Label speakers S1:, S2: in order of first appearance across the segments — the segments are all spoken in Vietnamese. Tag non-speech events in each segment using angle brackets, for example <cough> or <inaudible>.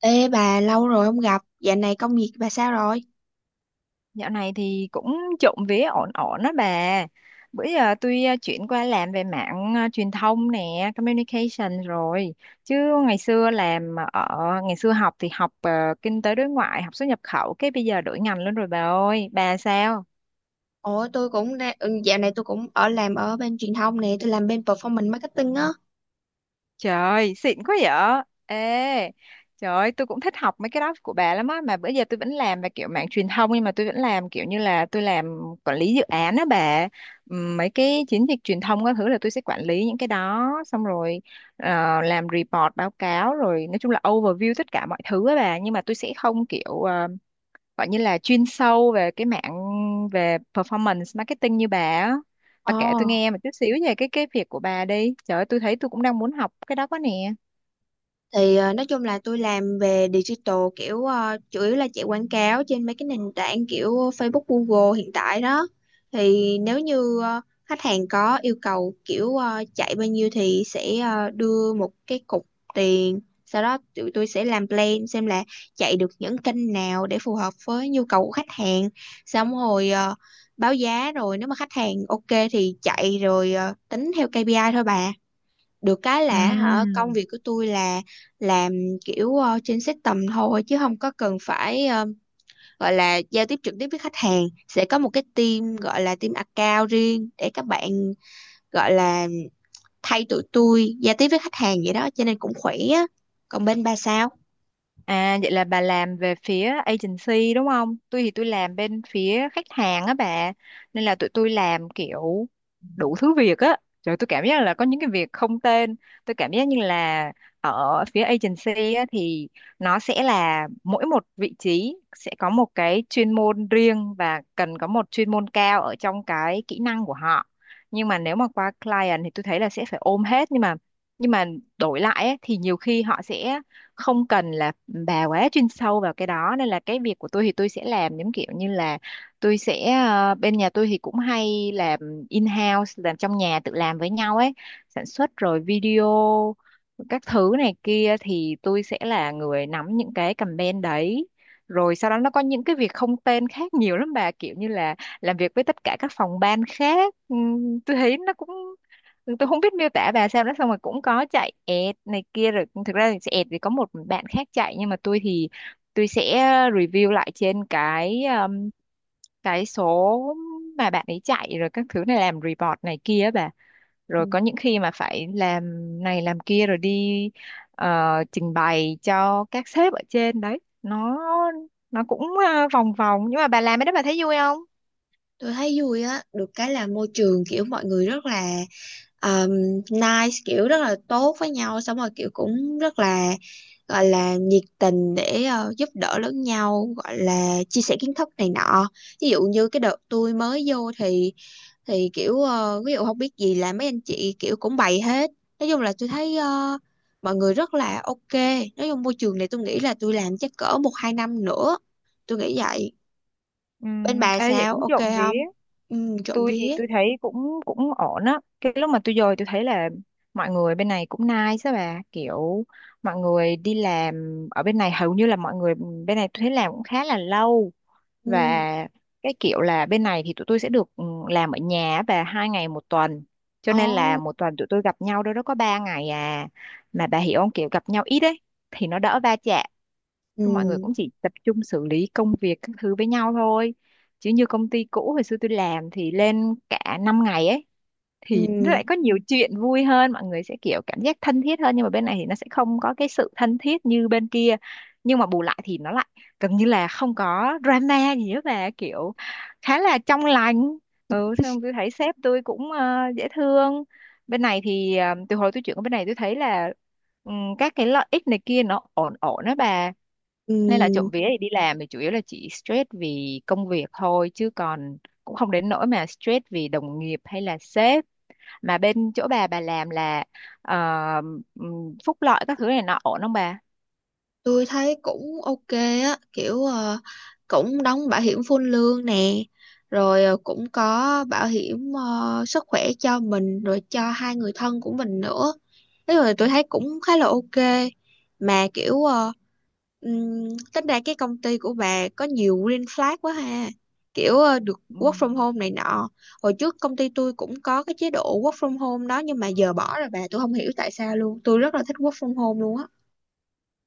S1: Ê bà, lâu rồi không gặp, dạo này công việc bà sao rồi?
S2: Dạo này thì cũng trộm vía ổn ổn đó bà. Bữa giờ tôi chuyển qua làm về mạng truyền thông nè, communication rồi. Chứ ngày xưa làm à, ở ngày xưa học thì học kinh tế đối ngoại, học xuất nhập khẩu, cái bây giờ đổi ngành luôn rồi bà ơi. Bà sao?
S1: Ủa tôi cũng đang, dạo này tôi cũng ở làm ở bên truyền thông nè, tôi làm bên performance marketing á.
S2: Trời ơi, xịn quá vậy. Ê, trời ơi, tôi cũng thích học mấy cái đó của bà lắm á. Mà bữa giờ tôi vẫn làm về kiểu mảng truyền thông nhưng mà tôi vẫn làm kiểu như là tôi làm quản lý dự án á bà. Mấy cái chiến dịch truyền thông các thứ là tôi sẽ quản lý những cái đó. Xong rồi làm report, báo cáo rồi nói chung là overview tất cả mọi thứ á bà. Nhưng mà tôi sẽ không kiểu gọi như là chuyên sâu về cái mạng về performance marketing như bà á. Bà
S1: Ồ.
S2: kể tôi nghe một chút xíu về cái việc của bà đi, trời ơi tôi thấy tôi cũng đang muốn học cái đó quá nè.
S1: Thì nói chung là tôi làm về digital, kiểu chủ yếu là chạy quảng cáo trên mấy cái nền tảng kiểu Facebook, Google hiện tại đó. Thì nếu như khách hàng có yêu cầu kiểu chạy bao nhiêu thì sẽ đưa một cái cục tiền, sau đó tụi tôi sẽ làm plan xem là chạy được những kênh nào để phù hợp với nhu cầu của khách hàng, xong rồi báo giá, rồi nếu mà khách hàng ok thì chạy, rồi tính theo KPI thôi bà. Được cái
S2: Ừ.
S1: là hả, công việc của tôi là làm kiểu trên system thôi, chứ không có cần phải gọi là giao tiếp trực tiếp với khách hàng, sẽ có một cái team gọi là team account riêng để các bạn, gọi là, thay tụi tôi giao tiếp với khách hàng vậy đó, cho nên cũng khỏe á. Còn bên bà sao?
S2: À vậy là bà làm về phía agency đúng không? Tôi thì tôi làm bên phía khách hàng á bà. Nên là tụi tôi làm kiểu đủ thứ việc á. Rồi tôi cảm giác là có những cái việc không tên. Tôi cảm giác như là ở phía agency á, thì nó sẽ là mỗi một vị trí sẽ có một cái chuyên môn riêng và cần có một chuyên môn cao ở trong cái kỹ năng của họ. Nhưng mà nếu mà qua client thì tôi thấy là sẽ phải ôm hết, nhưng mà nhưng mà đổi lại ấy, thì nhiều khi họ sẽ không cần là bà quá chuyên sâu vào cái đó, nên là cái việc của tôi thì tôi sẽ làm giống kiểu như là tôi sẽ bên nhà tôi thì cũng hay làm in-house, làm trong nhà tự làm với nhau ấy, sản xuất rồi video các thứ này kia thì tôi sẽ là người nắm những cái campaign đấy, rồi sau đó nó có những cái việc không tên khác nhiều lắm bà, kiểu như là làm việc với tất cả các phòng ban khác. Tôi thấy nó cũng, tôi không biết miêu tả bà sao đó. Xong rồi cũng có chạy ẹt này kia, rồi thực ra thì sẽ ẹt thì có một bạn khác chạy, nhưng mà tôi thì tôi sẽ review lại trên cái số mà bạn ấy chạy rồi các thứ này, làm report này kia á bà. Rồi có những khi mà phải làm này làm kia rồi đi ờ, trình bày cho các sếp ở trên đấy. Nó cũng vòng vòng. Nhưng mà bà làm cái đó bà thấy vui không?
S1: Tôi thấy vui á, được cái là môi trường kiểu mọi người rất là um, nice, kiểu rất là tốt với nhau, xong rồi kiểu cũng rất là, gọi là, nhiệt tình để giúp đỡ lẫn nhau, gọi là chia sẻ kiến thức này nọ. Ví dụ như cái đợt tôi mới vô thì kiểu ví dụ không biết gì là mấy anh chị kiểu cũng bày hết. Nói chung là tôi thấy mọi người rất là ok. Nói chung môi trường này tôi nghĩ là tôi làm chắc cỡ một hai năm nữa. Tôi nghĩ vậy.
S2: Ừ.
S1: Bên bà
S2: Ê, vậy
S1: sao,
S2: cũng
S1: ok
S2: trộm vía.
S1: không? Ừ, trộm
S2: Tôi thì
S1: vía.
S2: tôi thấy cũng cũng ổn á. Cái lúc mà tôi dời tôi thấy là mọi người bên này cũng nice á bà, kiểu mọi người đi làm ở bên này hầu như là mọi người bên này tôi thấy làm cũng khá là lâu.
S1: Ừ.
S2: Và cái kiểu là bên này thì tụi tôi sẽ được ừ, làm ở nhà á bà hai ngày một tuần, cho nên là
S1: Ồ.
S2: một tuần tụi tôi gặp nhau đâu đó có ba ngày à, mà bà hiểu không, kiểu gặp nhau ít ấy thì nó đỡ va chạm. Thôi mọi người
S1: Ừ.
S2: cũng chỉ tập trung xử lý công việc các thứ với nhau thôi. Chứ như công ty cũ hồi xưa tôi làm thì lên cả 5 ngày ấy,
S1: Ừ.
S2: thì nó lại có nhiều chuyện vui hơn, mọi người sẽ kiểu cảm giác thân thiết hơn, nhưng mà bên này thì nó sẽ không có cái sự thân thiết như bên kia. Nhưng mà bù lại thì nó lại gần như là không có drama gì hết, và kiểu khá là trong lành. Ừ, xong tôi thấy sếp tôi cũng dễ thương. Bên này thì từ hồi tôi chuyển qua bên này tôi thấy là ừ, các cái lợi ích này kia nó ổn ổn đó bà,
S1: Ừ.
S2: nên là trộm vía thì đi làm thì chủ yếu là chỉ stress vì công việc thôi, chứ còn cũng không đến nỗi mà stress vì đồng nghiệp hay là sếp. Mà bên chỗ bà làm là ờ, phúc lợi các thứ này nọ ổn không bà?
S1: Tôi thấy cũng ok á, kiểu cũng đóng bảo hiểm full lương nè, rồi cũng có bảo hiểm sức khỏe cho mình, rồi cho hai người thân của mình nữa, thế rồi tôi thấy cũng khá là ok. Mà kiểu ừm, tính ra cái công ty của bà có nhiều green flag quá ha, kiểu được
S2: Ừ.
S1: work from home này nọ. Hồi trước công ty tôi cũng có cái chế độ work from home đó, nhưng mà giờ bỏ rồi bà, tôi không hiểu tại sao luôn, tôi rất là thích work from home luôn á.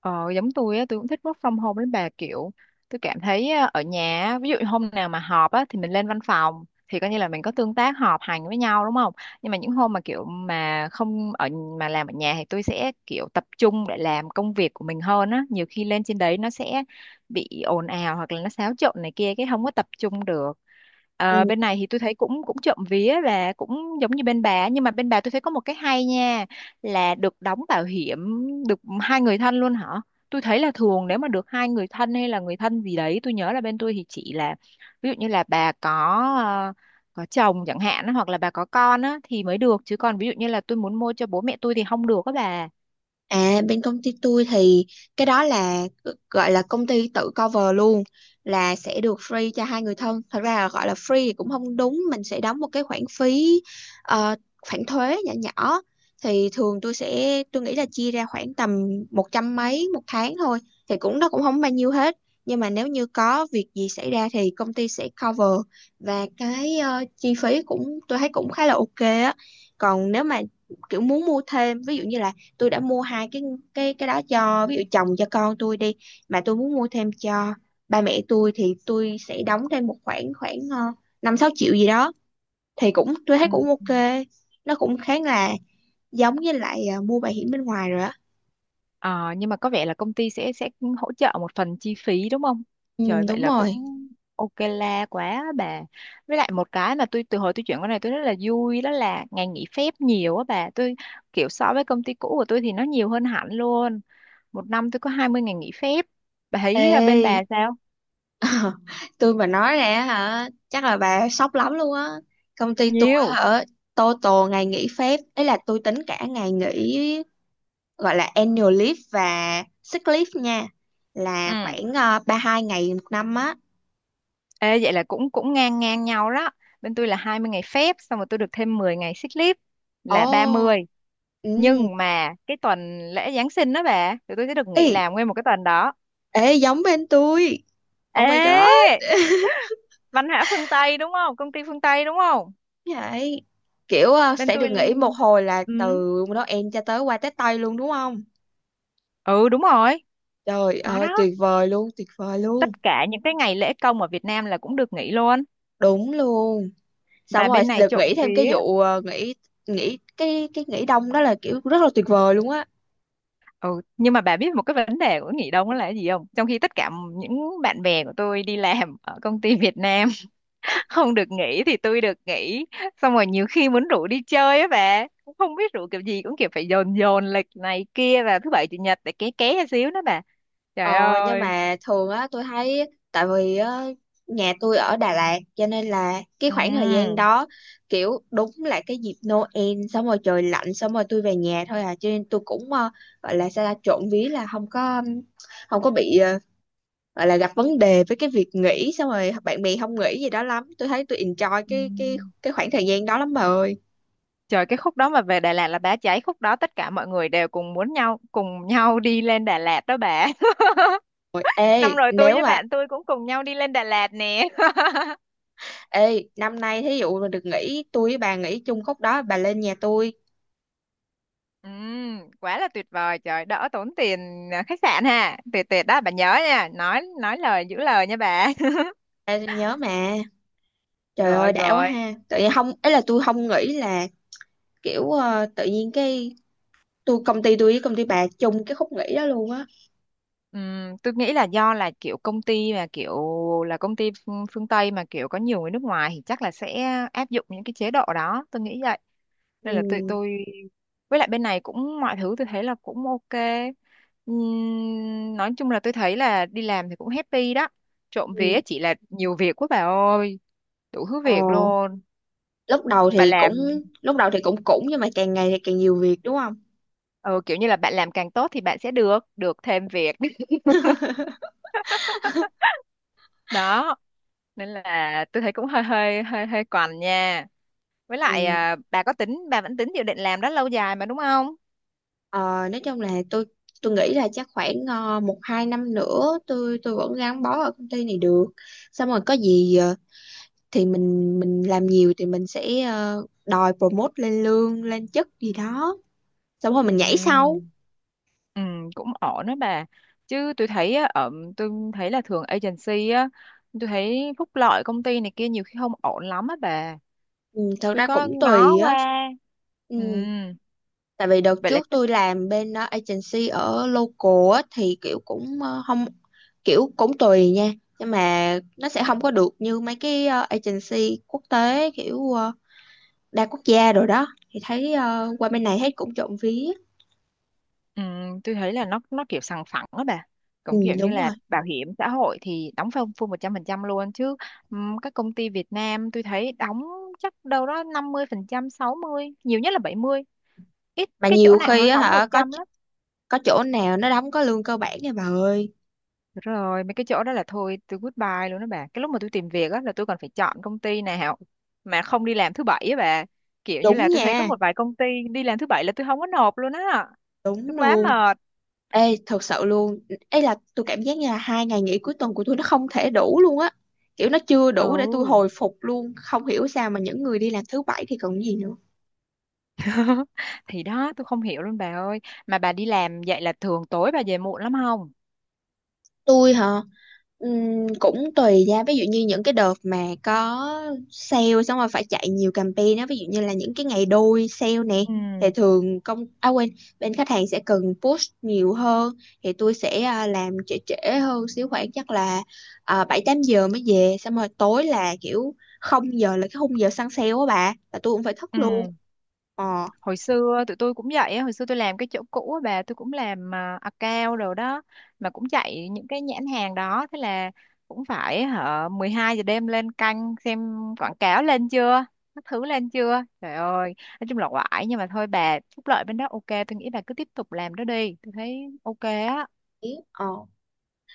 S2: Ờ, giống tôi á, tôi cũng thích work from home đến bà, kiểu tôi cảm thấy á, ở nhà á, ví dụ như hôm nào mà họp á, thì mình lên văn phòng thì coi như là mình có tương tác họp hành với nhau đúng không, nhưng mà những hôm mà kiểu mà không ở, mà làm ở nhà thì tôi sẽ kiểu tập trung để làm công việc của mình hơn á, nhiều khi lên trên đấy nó sẽ bị ồn ào hoặc là nó xáo trộn này kia cái không có tập trung được. Ờ, bên này thì tôi thấy cũng cũng trộm vía và cũng giống như bên bà, nhưng mà bên bà tôi thấy có một cái hay nha, là được đóng bảo hiểm được hai người thân luôn hả? Tôi thấy là thường nếu mà được hai người thân hay là người thân gì đấy, tôi nhớ là bên tôi thì chỉ là ví dụ như là bà ờ, có chồng chẳng hạn á, hoặc là bà có con á thì mới được, chứ còn ví dụ như là tôi muốn mua cho bố mẹ tôi thì không được các bà.
S1: À, bên công ty tôi thì cái đó là, gọi là, công ty tự cover luôn, là sẽ được free cho hai người thân. Thật ra, là gọi là free thì cũng không đúng, mình sẽ đóng một cái khoản phí, ờ, khoản thuế nhỏ nhỏ, thì thường tôi nghĩ là chia ra khoảng tầm một trăm mấy một tháng thôi, thì cũng, nó cũng không bao nhiêu hết. Nhưng mà nếu như có việc gì xảy ra thì công ty sẽ cover và cái chi phí cũng, tôi thấy cũng khá là ok á. Còn nếu mà kiểu muốn mua thêm, ví dụ như là tôi đã mua hai cái đó cho, ví dụ, chồng cho con tôi đi, mà tôi muốn mua thêm cho ba mẹ tôi thì tôi sẽ đóng thêm một khoản, khoảng 5 6 triệu gì đó, thì cũng, tôi
S2: Ừ.
S1: thấy cũng ok, nó cũng khá là giống với lại mua bảo hiểm bên ngoài rồi á.
S2: Ờ, nhưng mà có vẻ là công ty sẽ hỗ trợ một phần chi phí đúng không?
S1: Ừ
S2: Trời vậy
S1: đúng
S2: là cũng
S1: rồi.
S2: ok la quá bà. Với lại một cái mà tôi từ hồi tôi chuyển qua này tôi rất là vui đó là ngày nghỉ phép nhiều á bà. Tôi kiểu so với công ty cũ của tôi thì nó nhiều hơn hẳn luôn. Một năm tôi có 20 ngày nghỉ phép. Bà
S1: Ê,
S2: thấy à, bên bà sao?
S1: <laughs> tôi mà nói ra hả chắc là bà sốc lắm luôn á. Công ty tôi
S2: Nhiều.
S1: hả, tô tô ngày nghỉ phép ấy là tôi tính cả ngày nghỉ, gọi là annual leave và sick leave nha, là
S2: Ừ.
S1: khoảng 32 ngày một năm á.
S2: Ê, vậy là cũng cũng ngang ngang nhau đó. Bên tôi là 20 ngày phép, xong rồi tôi được thêm 10 ngày sick leave là ba
S1: Ồ.
S2: mươi.
S1: Ừ.
S2: Nhưng mà cái tuần lễ Giáng sinh đó bà, tụi tôi sẽ được nghỉ
S1: ê,
S2: làm nguyên một cái tuần đó.
S1: ê, giống bên tôi. Oh my god.
S2: Ê, văn hóa phương Tây đúng không, công ty phương Tây đúng không?
S1: Vậy kiểu
S2: Bên
S1: sẽ
S2: tôi.
S1: được nghỉ một hồi là
S2: Ừ,
S1: từ Noel cho tới qua Tết Tây luôn, đúng không?
S2: ừ, đúng rồi.
S1: Trời
S2: Nó
S1: ơi
S2: đó.
S1: tuyệt vời luôn, tuyệt vời luôn.
S2: Tất cả những cái ngày lễ công ở Việt Nam là cũng được nghỉ luôn.
S1: Đúng luôn. Xong
S2: Mà
S1: rồi
S2: bên này
S1: được
S2: trộm
S1: nghỉ thêm cái
S2: vía.
S1: vụ ờ, nghỉ nghỉ cái nghỉ đông đó là kiểu rất là tuyệt vời luôn á.
S2: Ừ, nhưng mà bà biết một cái vấn đề của nghỉ đông đó là cái gì không? Trong khi tất cả những bạn bè của tôi đi làm ở công ty Việt Nam không được nghỉ thì tôi được nghỉ, xong rồi nhiều khi muốn rủ đi chơi á bà cũng không biết rủ kiểu gì, cũng kiểu phải dồn dồn lịch này kia vào thứ bảy chủ nhật để ké ké ra xíu đó bà. Trời
S1: Ờ, nhưng
S2: ơi.
S1: mà thường á tôi thấy, tại vì á, nhà tôi ở Đà Lạt, cho nên là cái khoảng thời gian
S2: Ừ.
S1: đó kiểu đúng là cái dịp Noel, xong rồi trời lạnh, xong rồi tôi về nhà thôi à, cho nên tôi cũng, gọi là sao ta, trộm vía là không có bị, gọi là gặp vấn đề với cái việc nghỉ xong rồi bạn bè không nghỉ gì đó lắm, tôi thấy tôi enjoy
S2: Ừ.
S1: cái khoảng thời gian đó lắm bà ơi.
S2: Trời cái khúc đó mà về Đà Lạt là bá cháy, khúc đó tất cả mọi người đều cùng muốn nhau cùng nhau đi lên Đà Lạt đó bà <laughs>
S1: Ôi, ê
S2: năm rồi tôi
S1: nếu
S2: với
S1: mà
S2: bạn tôi cũng cùng nhau đi lên Đà Lạt nè <laughs>
S1: ê năm nay thí dụ mà được nghỉ, tôi với bà nghỉ chung khúc đó, bà lên nhà tôi.
S2: ừ. Quá là tuyệt vời, trời đỡ tốn tiền à, khách sạn ha. Tuyệt tuyệt đó bà nhớ nha, nói lời giữ lời nha bà <laughs>
S1: Ê, tôi nhớ mà. Trời
S2: rồi
S1: ơi đã quá
S2: rồi.
S1: ha. Tự nhiên không ấy, là tôi không nghĩ là kiểu tự nhiên cái, công ty tôi với công ty bà chung cái khúc nghỉ đó luôn á.
S2: Tôi nghĩ là do là kiểu công ty mà kiểu là công ty phương phương Tây mà kiểu có nhiều người nước ngoài thì chắc là sẽ áp dụng những cái chế độ đó, tôi nghĩ vậy. Nên là tôi
S1: Ừ.
S2: tôi với lại bên này cũng mọi thứ tôi thấy là cũng ok. Nói chung là tôi thấy là đi làm thì cũng happy đó, trộm vía
S1: Ừ.
S2: chỉ là nhiều việc quá bà ơi, đủ thứ
S1: Ờ,
S2: việc luôn.
S1: lúc đầu
S2: Bà
S1: thì cũng
S2: làm
S1: lúc đầu thì cũng cũng nhưng mà càng ngày thì càng nhiều việc đúng không?
S2: ừ, kiểu như là bạn làm càng tốt thì bạn sẽ được được thêm việc đó, nên là tôi thấy cũng hơi hơi còn nha. Với lại
S1: Ừ.
S2: bà có tính bà vẫn tính dự định làm đó lâu dài mà đúng không?
S1: Ờ, nói chung là tôi nghĩ là chắc khoảng một hai năm nữa tôi vẫn gắn bó ở công ty này được. Xong rồi có gì thì mình làm nhiều thì mình sẽ đòi promote lên lương lên chức gì đó. Xong rồi mình nhảy
S2: Ừ.
S1: sau.
S2: Ừ. Cũng ổn đó bà. Chứ tôi thấy á, ở tôi thấy là thường agency á, tôi thấy phúc lợi công ty này kia nhiều khi không ổn lắm á bà.
S1: Ừ, thật
S2: Tôi
S1: ra
S2: có
S1: cũng
S2: ngó
S1: tùy á.
S2: qua.
S1: Ừ,
S2: Ừ.
S1: tại vì đợt
S2: Vậy là.
S1: trước tôi làm bên agency ở local á, thì kiểu cũng không, kiểu cũng tùy nha, nhưng mà nó sẽ không có được như mấy cái agency quốc tế, kiểu đa quốc gia rồi đó, thì thấy qua bên này thấy cũng trộm vía.
S2: Ừ, tôi thấy là nó kiểu sòng phẳng á bà,
S1: Ừ,
S2: cũng kiểu như
S1: đúng
S2: là
S1: rồi.
S2: bảo hiểm xã hội thì đóng full full 100% luôn chứ. Ừm, các công ty Việt Nam tôi thấy đóng chắc đâu đó 50%, 60, nhiều nhất là 70, ít
S1: Mà
S2: cái chỗ
S1: nhiều
S2: nào mà
S1: khi
S2: nó
S1: á
S2: đóng một
S1: hả, có
S2: trăm lắm.
S1: có chỗ nào nó đóng có lương cơ bản nha bà ơi.
S2: Rồi mấy cái chỗ đó là thôi tôi goodbye luôn đó bà, cái lúc mà tôi tìm việc á là tôi còn phải chọn công ty nào mà không đi làm thứ bảy á bà, kiểu như
S1: Đúng
S2: là tôi thấy có
S1: nha.
S2: một vài công ty đi làm thứ bảy là tôi không có nộp luôn á. Tôi
S1: Đúng
S2: quá
S1: luôn.
S2: mệt.
S1: Ê thật sự luôn, ấy là tôi cảm giác như là 2 ngày nghỉ cuối tuần của tôi nó không thể đủ luôn á, kiểu nó chưa đủ để tôi
S2: Ừ.
S1: hồi phục luôn, không hiểu sao mà những người đi làm thứ bảy thì còn gì nữa.
S2: <laughs> thì đó tôi không hiểu luôn bà ơi. Mà bà đi làm vậy là thường tối bà về muộn lắm không?
S1: Tôi hả? Cũng tùy ra, ví dụ như những cái đợt mà có sale, xong rồi phải chạy nhiều campaign á, ví dụ như là những cái ngày đôi sale nè, thì
S2: Ừ.
S1: thường công, à quên, bên khách hàng sẽ cần push nhiều hơn, thì tôi sẽ làm trễ trễ hơn xíu, khoảng chắc là 7 8 giờ mới về, xong rồi tối là kiểu 0 giờ là cái khung giờ săn sale á bà, là tôi cũng phải thức
S2: Ừ.
S1: luôn. ờ
S2: Hồi xưa tụi tôi cũng vậy á, hồi xưa tôi làm cái chỗ cũ á bà, tôi cũng làm account rồi đó, mà cũng chạy những cái nhãn hàng đó, thế là cũng phải hả 12 giờ đêm lên canh xem quảng cáo lên chưa, các thứ lên chưa, trời ơi. Nói chung là oải, nhưng mà thôi bà, phúc lợi bên đó ok tôi nghĩ bà cứ tiếp tục làm đó đi, tôi thấy ok á.
S1: ý,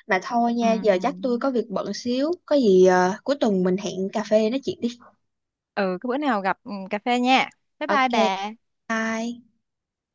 S1: mà thôi nha, giờ chắc tôi
S2: Ừ.
S1: có việc bận xíu, có gì à, cuối tuần mình hẹn cà phê nói chuyện đi.
S2: Ừ, cái bữa nào gặp ừ, cà phê nha. Bye bye
S1: Ok,
S2: bà.
S1: bye.